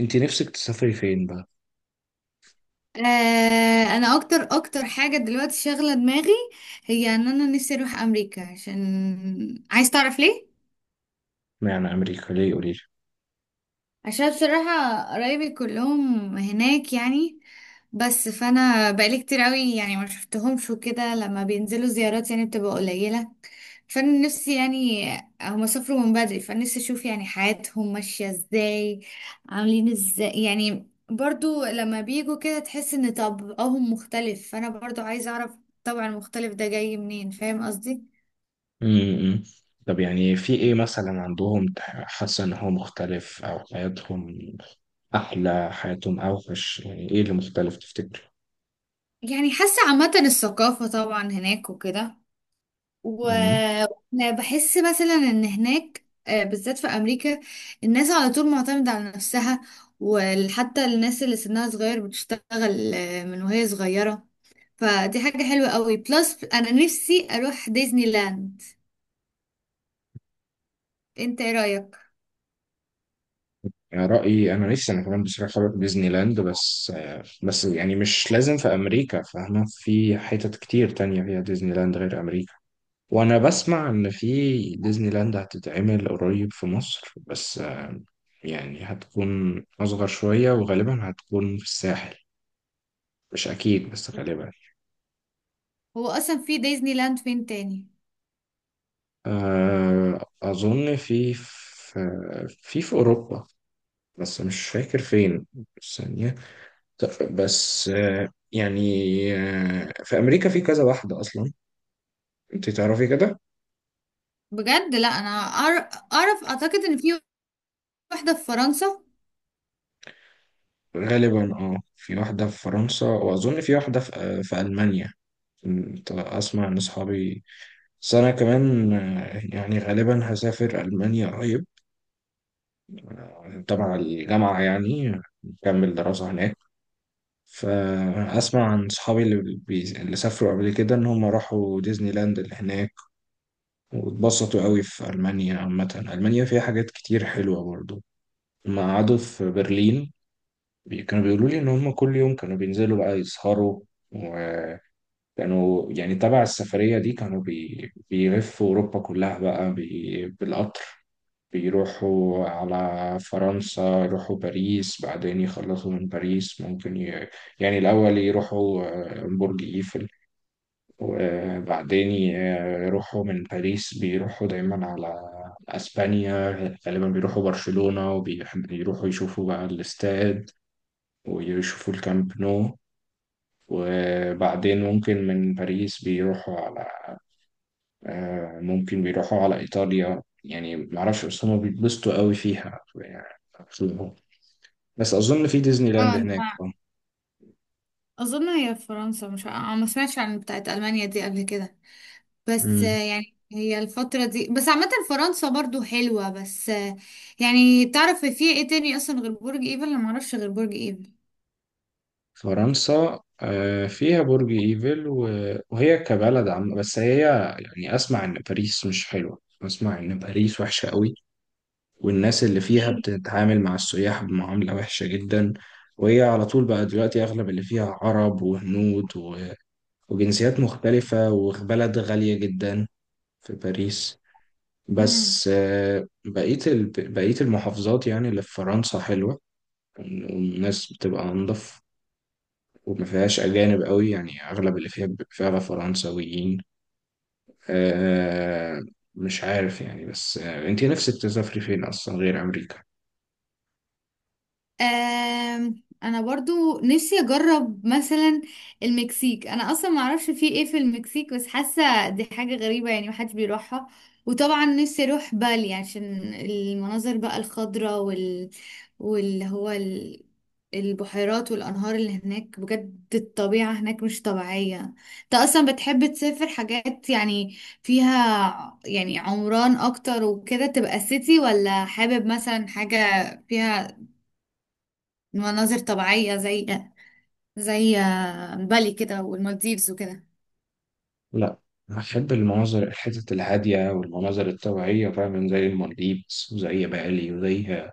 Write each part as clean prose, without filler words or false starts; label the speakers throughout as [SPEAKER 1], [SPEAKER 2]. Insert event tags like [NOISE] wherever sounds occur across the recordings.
[SPEAKER 1] انت نفسك تسافري فين بقى؟
[SPEAKER 2] آه، انا اكتر حاجه دلوقتي شاغله دماغي، هي انا نفسي اروح امريكا، عشان عايز تعرف ليه.
[SPEAKER 1] معنى امريكا ليه قولي
[SPEAKER 2] عشان بصراحة قرايبي كلهم هناك يعني، بس فانا بقالي كتير قوي يعني ما شفتهمش وكده، لما بينزلوا زيارات يعني بتبقى قليلة. فانا نفسي يعني، هما سافروا من بدري، فانا نفسي اشوف يعني حياتهم ماشية ازاي، عاملين ازاي. يعني برضو لما بيجوا كده تحس ان طبعهم مختلف، فانا برضو عايزة اعرف الطبع المختلف ده جاي منين، فاهم قصدي.
[SPEAKER 1] لي. طب يعني في ايه مثلا عندهم حاسه ان هو مختلف او حياتهم احلى حياتهم اوحش، يعني ايه اللي مختلف تفتكر؟
[SPEAKER 2] يعني حاسة عامة الثقافة طبعا هناك وكده،
[SPEAKER 1] امم.
[SPEAKER 2] وانا بحس مثلا ان هناك، بالذات في امريكا، الناس على طول معتمدة على نفسها، وحتى الناس اللي سنها صغير بتشتغل، من وهي صغيرة. فدي حاجة حلوة قوي، بلس انا نفسي اروح ديزني لاند. انت ايه رأيك؟
[SPEAKER 1] يعني رايي انا نفسي انا كمان بصراحه اروح ديزني لاند، بس بس يعني مش لازم في امريكا، فاهمه في حتت كتير تانية فيها ديزني لاند غير امريكا. وانا بسمع ان في ديزني لاند هتتعمل قريب في مصر، بس يعني هتكون اصغر شوية وغالبا هتكون في الساحل، مش اكيد بس غالبا.
[SPEAKER 2] هو اصلا في ديزني لاند فين تاني؟
[SPEAKER 1] اظن في اوروبا، بس مش فاكر فين. بس يعني بس في امريكا في كذا واحدة اصلا، انت تعرفي كده.
[SPEAKER 2] بجد لا، انا اعرف، اعتقد ان في واحدة في فرنسا.
[SPEAKER 1] غالبا اه في واحدة في فرنسا، واظن في واحدة في المانيا. كنت اسمع ان اصحابي، بس أنا كمان يعني غالبا هسافر ألمانيا قريب، تبع الجامعة يعني نكمل دراسة هناك. فأسمع عن صحابي اللي سافروا قبل كده إن هم راحوا ديزني لاند اللي هناك واتبسطوا قوي في ألمانيا عامة. ألمانيا فيها حاجات كتير حلوة برضو، لما قعدوا في برلين كانوا بيقولوا لي إن هم كل يوم كانوا بينزلوا بقى يسهروا. وكانوا يعني تبع السفرية دي كانوا بيلفوا أوروبا كلها بقى بالقطر. بيروحوا على فرنسا يروحوا باريس، بعدين يخلصوا من باريس ممكن يعني الأول يروحوا برج إيفل، وبعدين يروحوا من باريس بيروحوا دايما على أسبانيا، غالبا بيروحوا برشلونة وبيروحوا يشوفوا بقى الاستاد ويشوفوا الكامب نو. وبعدين ممكن من باريس بيروحوا على ممكن بيروحوا على إيطاليا، يعني معرفش، بس هما بيتبسطوا قوي فيها يعني. بس أظن في ديزني
[SPEAKER 2] اه
[SPEAKER 1] لاند
[SPEAKER 2] انت،
[SPEAKER 1] هناك
[SPEAKER 2] اظن هي في فرنسا، مش ما سمعتش عن بتاعت المانيا دي قبل كده. بس
[SPEAKER 1] مم.
[SPEAKER 2] يعني هي الفترة دي بس، عامة فرنسا برضو حلوة بس، يعني تعرف في ايه تاني اصلا غير برج ايفل؟ انا معرفش غير برج ايفل.
[SPEAKER 1] فرنسا فيها برج إيفل وهي كبلد عم، بس هي يعني أسمع إن باريس مش حلوة، أسمع إن باريس وحشة قوي والناس اللي فيها
[SPEAKER 2] إيه؟
[SPEAKER 1] بتتعامل مع السياح بمعاملة وحشة جدا. وهي على طول بقى دلوقتي أغلب اللي فيها عرب وهنود وجنسيات مختلفة، وبلد غالية جدا في باريس.
[SPEAKER 2] مم.
[SPEAKER 1] بس بقية المحافظات يعني اللي في فرنسا حلوة، والناس بتبقى أنضف، وما فيهاش أجانب قوي، يعني أغلب اللي فيها بيبقى فعلا فرنساويين. آه، مش عارف يعني، بس أنتي نفسك تسافري فين أصلا غير أمريكا؟
[SPEAKER 2] انا برضو نفسي اجرب مثلا المكسيك، انا اصلا ما اعرفش في ايه في المكسيك، بس حاسه دي حاجه غريبه يعني محدش بيروحها. وطبعا نفسي اروح بالي، عشان المناظر بقى الخضراء وال، واللي هو ال... البحيرات والانهار اللي هناك، بجد الطبيعه هناك مش طبيعيه. انت اصلا بتحب تسافر حاجات يعني فيها يعني عمران اكتر وكده تبقى سيتي، ولا حابب مثلا حاجه فيها مناظر طبيعية زي زي، بالي كده والمالديفز وكده؟
[SPEAKER 1] لا، أحب المناظر الحتت الهادية والمناظر الطبيعية فعلا زي المالديفز وزي بالي وزي،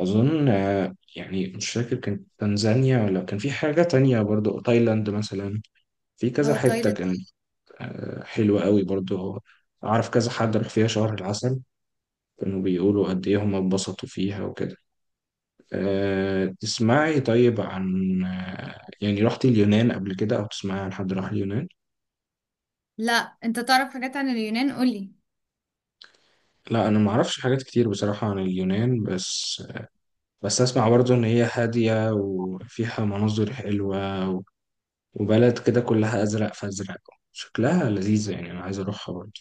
[SPEAKER 1] أظن يعني مش فاكر كانت تنزانيا ولا كان في حاجة تانية، برضو تايلاند مثلا، في كذا
[SPEAKER 2] اه
[SPEAKER 1] حتة
[SPEAKER 2] تايلاند.
[SPEAKER 1] كانت حلوة قوي برضو. أعرف كذا حد راح فيها شهر العسل، كانوا بيقولوا قد إيه هم اتبسطوا فيها وكده. أه تسمعي طيب عن يعني رحتي اليونان قبل كده، أو تسمعي عن حد راح اليونان؟
[SPEAKER 2] لا، انت تعرف حاجات عن اليونان؟ قولي.
[SPEAKER 1] لا أنا معرفش حاجات كتير بصراحة عن اليونان، بس أسمع برضو إن هي هادية وفيها مناظر حلوة، وبلد كده كلها أزرق فأزرق، شكلها لذيذة، يعني أنا عايز أروحها برضو.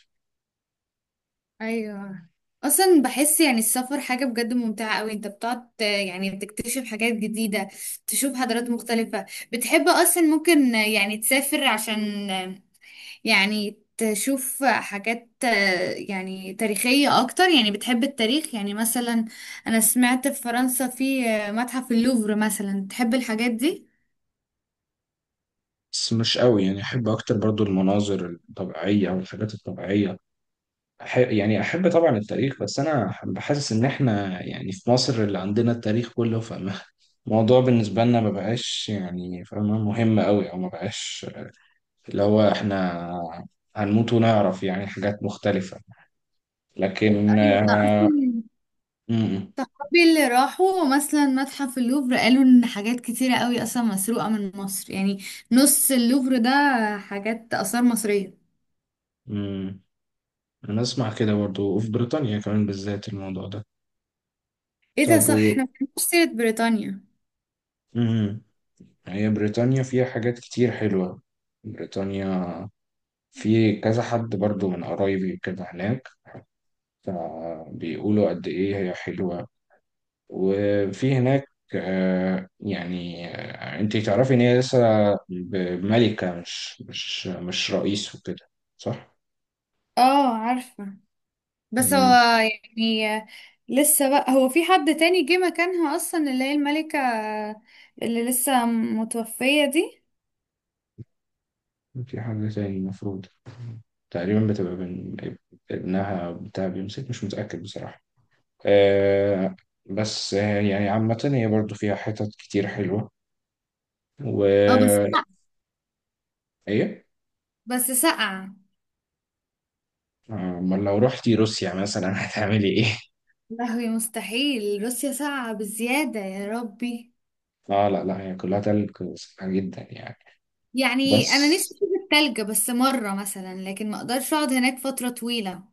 [SPEAKER 2] ايوه. اصلا بحس يعني السفر حاجة بجد ممتعة قوي، انت بتقعد يعني بتكتشف حاجات جديدة، تشوف حضارات مختلفة. بتحب اصلا ممكن يعني تسافر عشان يعني تشوف حاجات يعني تاريخية اكتر؟ يعني بتحب التاريخ يعني؟ مثلا انا سمعت في فرنسا في، متحف اللوفر مثلا، تحب الحاجات دي؟
[SPEAKER 1] بس مش قوي، يعني احب اكتر برضو المناظر الطبيعيه او الحاجات الطبيعيه. يعني احب طبعا التاريخ، بس انا بحسس ان احنا يعني في مصر اللي عندنا التاريخ كله، فالموضوع [LAUGHS] بالنسبه لنا ما بقاش يعني فاهمه مهم قوي او ما بقاش اللي هو احنا هنموت ونعرف يعني حاجات مختلفه. لكن
[SPEAKER 2] ايوه، اصلا
[SPEAKER 1] م-
[SPEAKER 2] صحابي اللي راحوا مثلا متحف اللوفر قالوا ان حاجات كتيره قوي اصلا مسروقه من مصر يعني. نص اللوفر ده حاجات اثار مصريه.
[SPEAKER 1] م- انا اسمع كده برضو، وفي بريطانيا كمان بالذات الموضوع ده.
[SPEAKER 2] ايه ده؟
[SPEAKER 1] طب
[SPEAKER 2] صح،
[SPEAKER 1] و...
[SPEAKER 2] احنا ما بنعرفش سيره بريطانيا.
[SPEAKER 1] م- هي بريطانيا فيها حاجات كتير حلوة. بريطانيا في كذا حد برضو من قرايبي كده هناك، فبيقولوا قد إيه هي حلوة. وفي هناك انتي تعرفي ان هي لسه ملكة مش رئيس وكده، صح؟
[SPEAKER 2] اه عارفه. بس هو
[SPEAKER 1] مم.
[SPEAKER 2] يعني، لسه بقى هو في حد تاني جه مكانها اصلا اللي هي الملكه اللي لسه متوفيه دي؟
[SPEAKER 1] في حاجة تاني المفروض تقريبا بتبقى ابنها بتاع بيمسك، مش متأكد بصراحة. آه، بس آه يعني عامة هي برضو فيها حتت كتير حلوة.
[SPEAKER 2] اه بس
[SPEAKER 1] و
[SPEAKER 2] ساقعة.
[SPEAKER 1] ايه؟
[SPEAKER 2] بس ساقعه.
[SPEAKER 1] امال لو رحتي روسيا مثلا [LAUGHS] هتعملي ايه؟
[SPEAKER 2] لهوي مستحيل، روسيا ساقعه بزياده، يا ربي.
[SPEAKER 1] اه لا لا هي كلها تلج سخنة جدا يعني.
[SPEAKER 2] يعني انا نفسي
[SPEAKER 1] بس
[SPEAKER 2] اشوف التلج بس مره مثلا، لكن ما اقدرش اقعد هناك فتره طويله.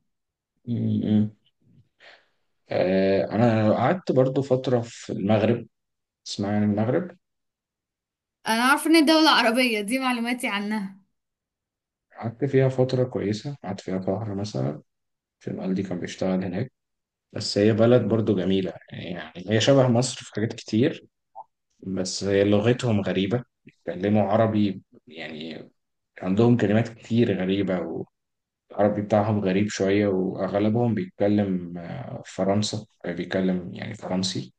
[SPEAKER 1] م- م. آه، انا قعدت برضو فترة في المغرب، اسمها يعني المغرب.
[SPEAKER 2] انا عارفه ان الدوله عربيه، دي معلوماتي عنها.
[SPEAKER 1] قعدت فيها فترة كويسة، قعدت فيها شهر مثلا، في والدي كان بيشتغل هناك. بس هي بلد برضو جميلة، يعني هي شبه مصر في حاجات كتير، بس هي لغتهم غريبة بيتكلموا عربي يعني عندهم كلمات كتير غريبة. والعربي بتاعهم غريب شوية، وأغلبهم بيتكلم آه، فرنسا آه، بيتكلم يعني فرنسي.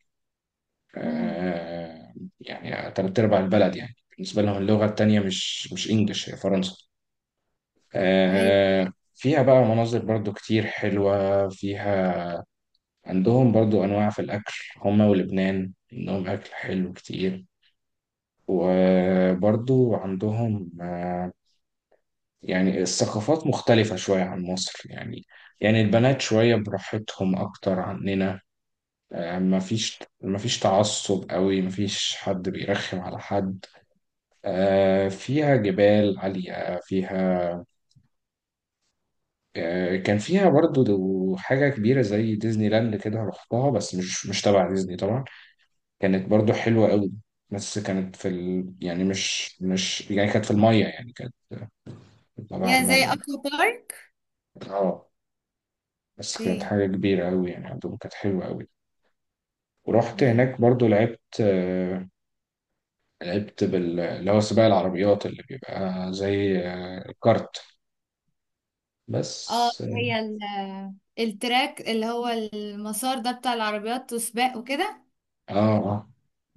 [SPEAKER 2] امم.
[SPEAKER 1] آه، يعني تلات أرباع البلد يعني بالنسبة لهم اللغة التانية مش إنجلش، هي فرنسا.
[SPEAKER 2] ايوه.
[SPEAKER 1] فيها بقى مناظر برضو كتير حلوة فيها. عندهم برضو أنواع في الأكل، هما ولبنان عندهم أكل حلو كتير. وبرضو عندهم يعني الثقافات مختلفة شوية عن مصر، يعني يعني البنات شوية براحتهم أكتر عننا. مفيش تعصب قوي، مفيش حد بيرخم على حد. فيها جبال عالية، فيها كان فيها برضو حاجة كبيرة زي ديزني لاند كده رحتها، بس مش تبع ديزني طبعا. كانت برضو حلوة قوي، بس كانت يعني مش يعني كانت في المية، يعني كانت تبع
[SPEAKER 2] يا، زي
[SPEAKER 1] المية.
[SPEAKER 2] اكوا بارك.
[SPEAKER 1] اه بس كانت
[SPEAKER 2] اوكي.
[SPEAKER 1] حاجة كبيرة أوي يعني، عندهم كانت حلوة أوي. ورحت
[SPEAKER 2] يا.
[SPEAKER 1] هناك برضو لعبت لعبت اللي هو سباق العربيات اللي بيبقى زي الكارت.
[SPEAKER 2] اه،
[SPEAKER 1] بس
[SPEAKER 2] هي التراك اللي هو المسار ده بتاع العربيات وسباق وكده.
[SPEAKER 1] اه اه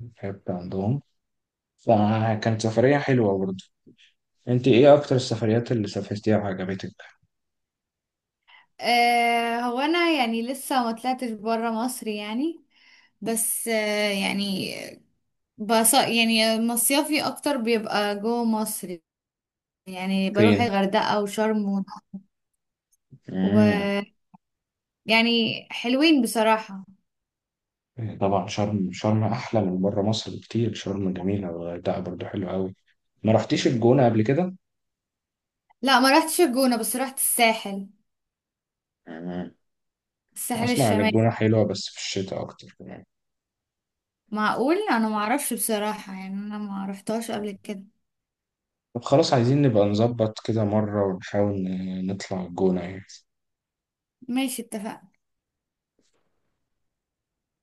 [SPEAKER 1] لعبت عندهم، فكانت سفرية حلوة برضو. انت ايه أكتر السفريات اللي سافرتيها وعجبتك؟
[SPEAKER 2] آه، هو انا يعني لسه ما طلعتش بره مصر يعني، بس آه يعني، بص يعني مصيفي اكتر بيبقى جوه مصر، يعني بروح
[SPEAKER 1] فين؟
[SPEAKER 2] الغردقة وشرم،
[SPEAKER 1] مم.
[SPEAKER 2] ويعني حلوين بصراحة.
[SPEAKER 1] إيه، طبعا شرم، شرم أحلى من بره مصر بكتير، شرم جميلة والغردقة برضو حلوة أوي. ما رحتيش الجونة قبل
[SPEAKER 2] لا، ما رحتش الجونة بس رحت الساحل،
[SPEAKER 1] كده؟
[SPEAKER 2] الساحل
[SPEAKER 1] اسمع عن
[SPEAKER 2] الشمالي.
[SPEAKER 1] الجونة حلوة بس في الشتاء اكتر كمان.
[SPEAKER 2] معقول، انا ما اعرفش بصراحة يعني، انا ما رحتهاش قبل كده.
[SPEAKER 1] طب خلاص عايزين نبقى نظبط كده مرة ونحاول نطلع الجونة يعني.
[SPEAKER 2] ماشي، اتفقنا.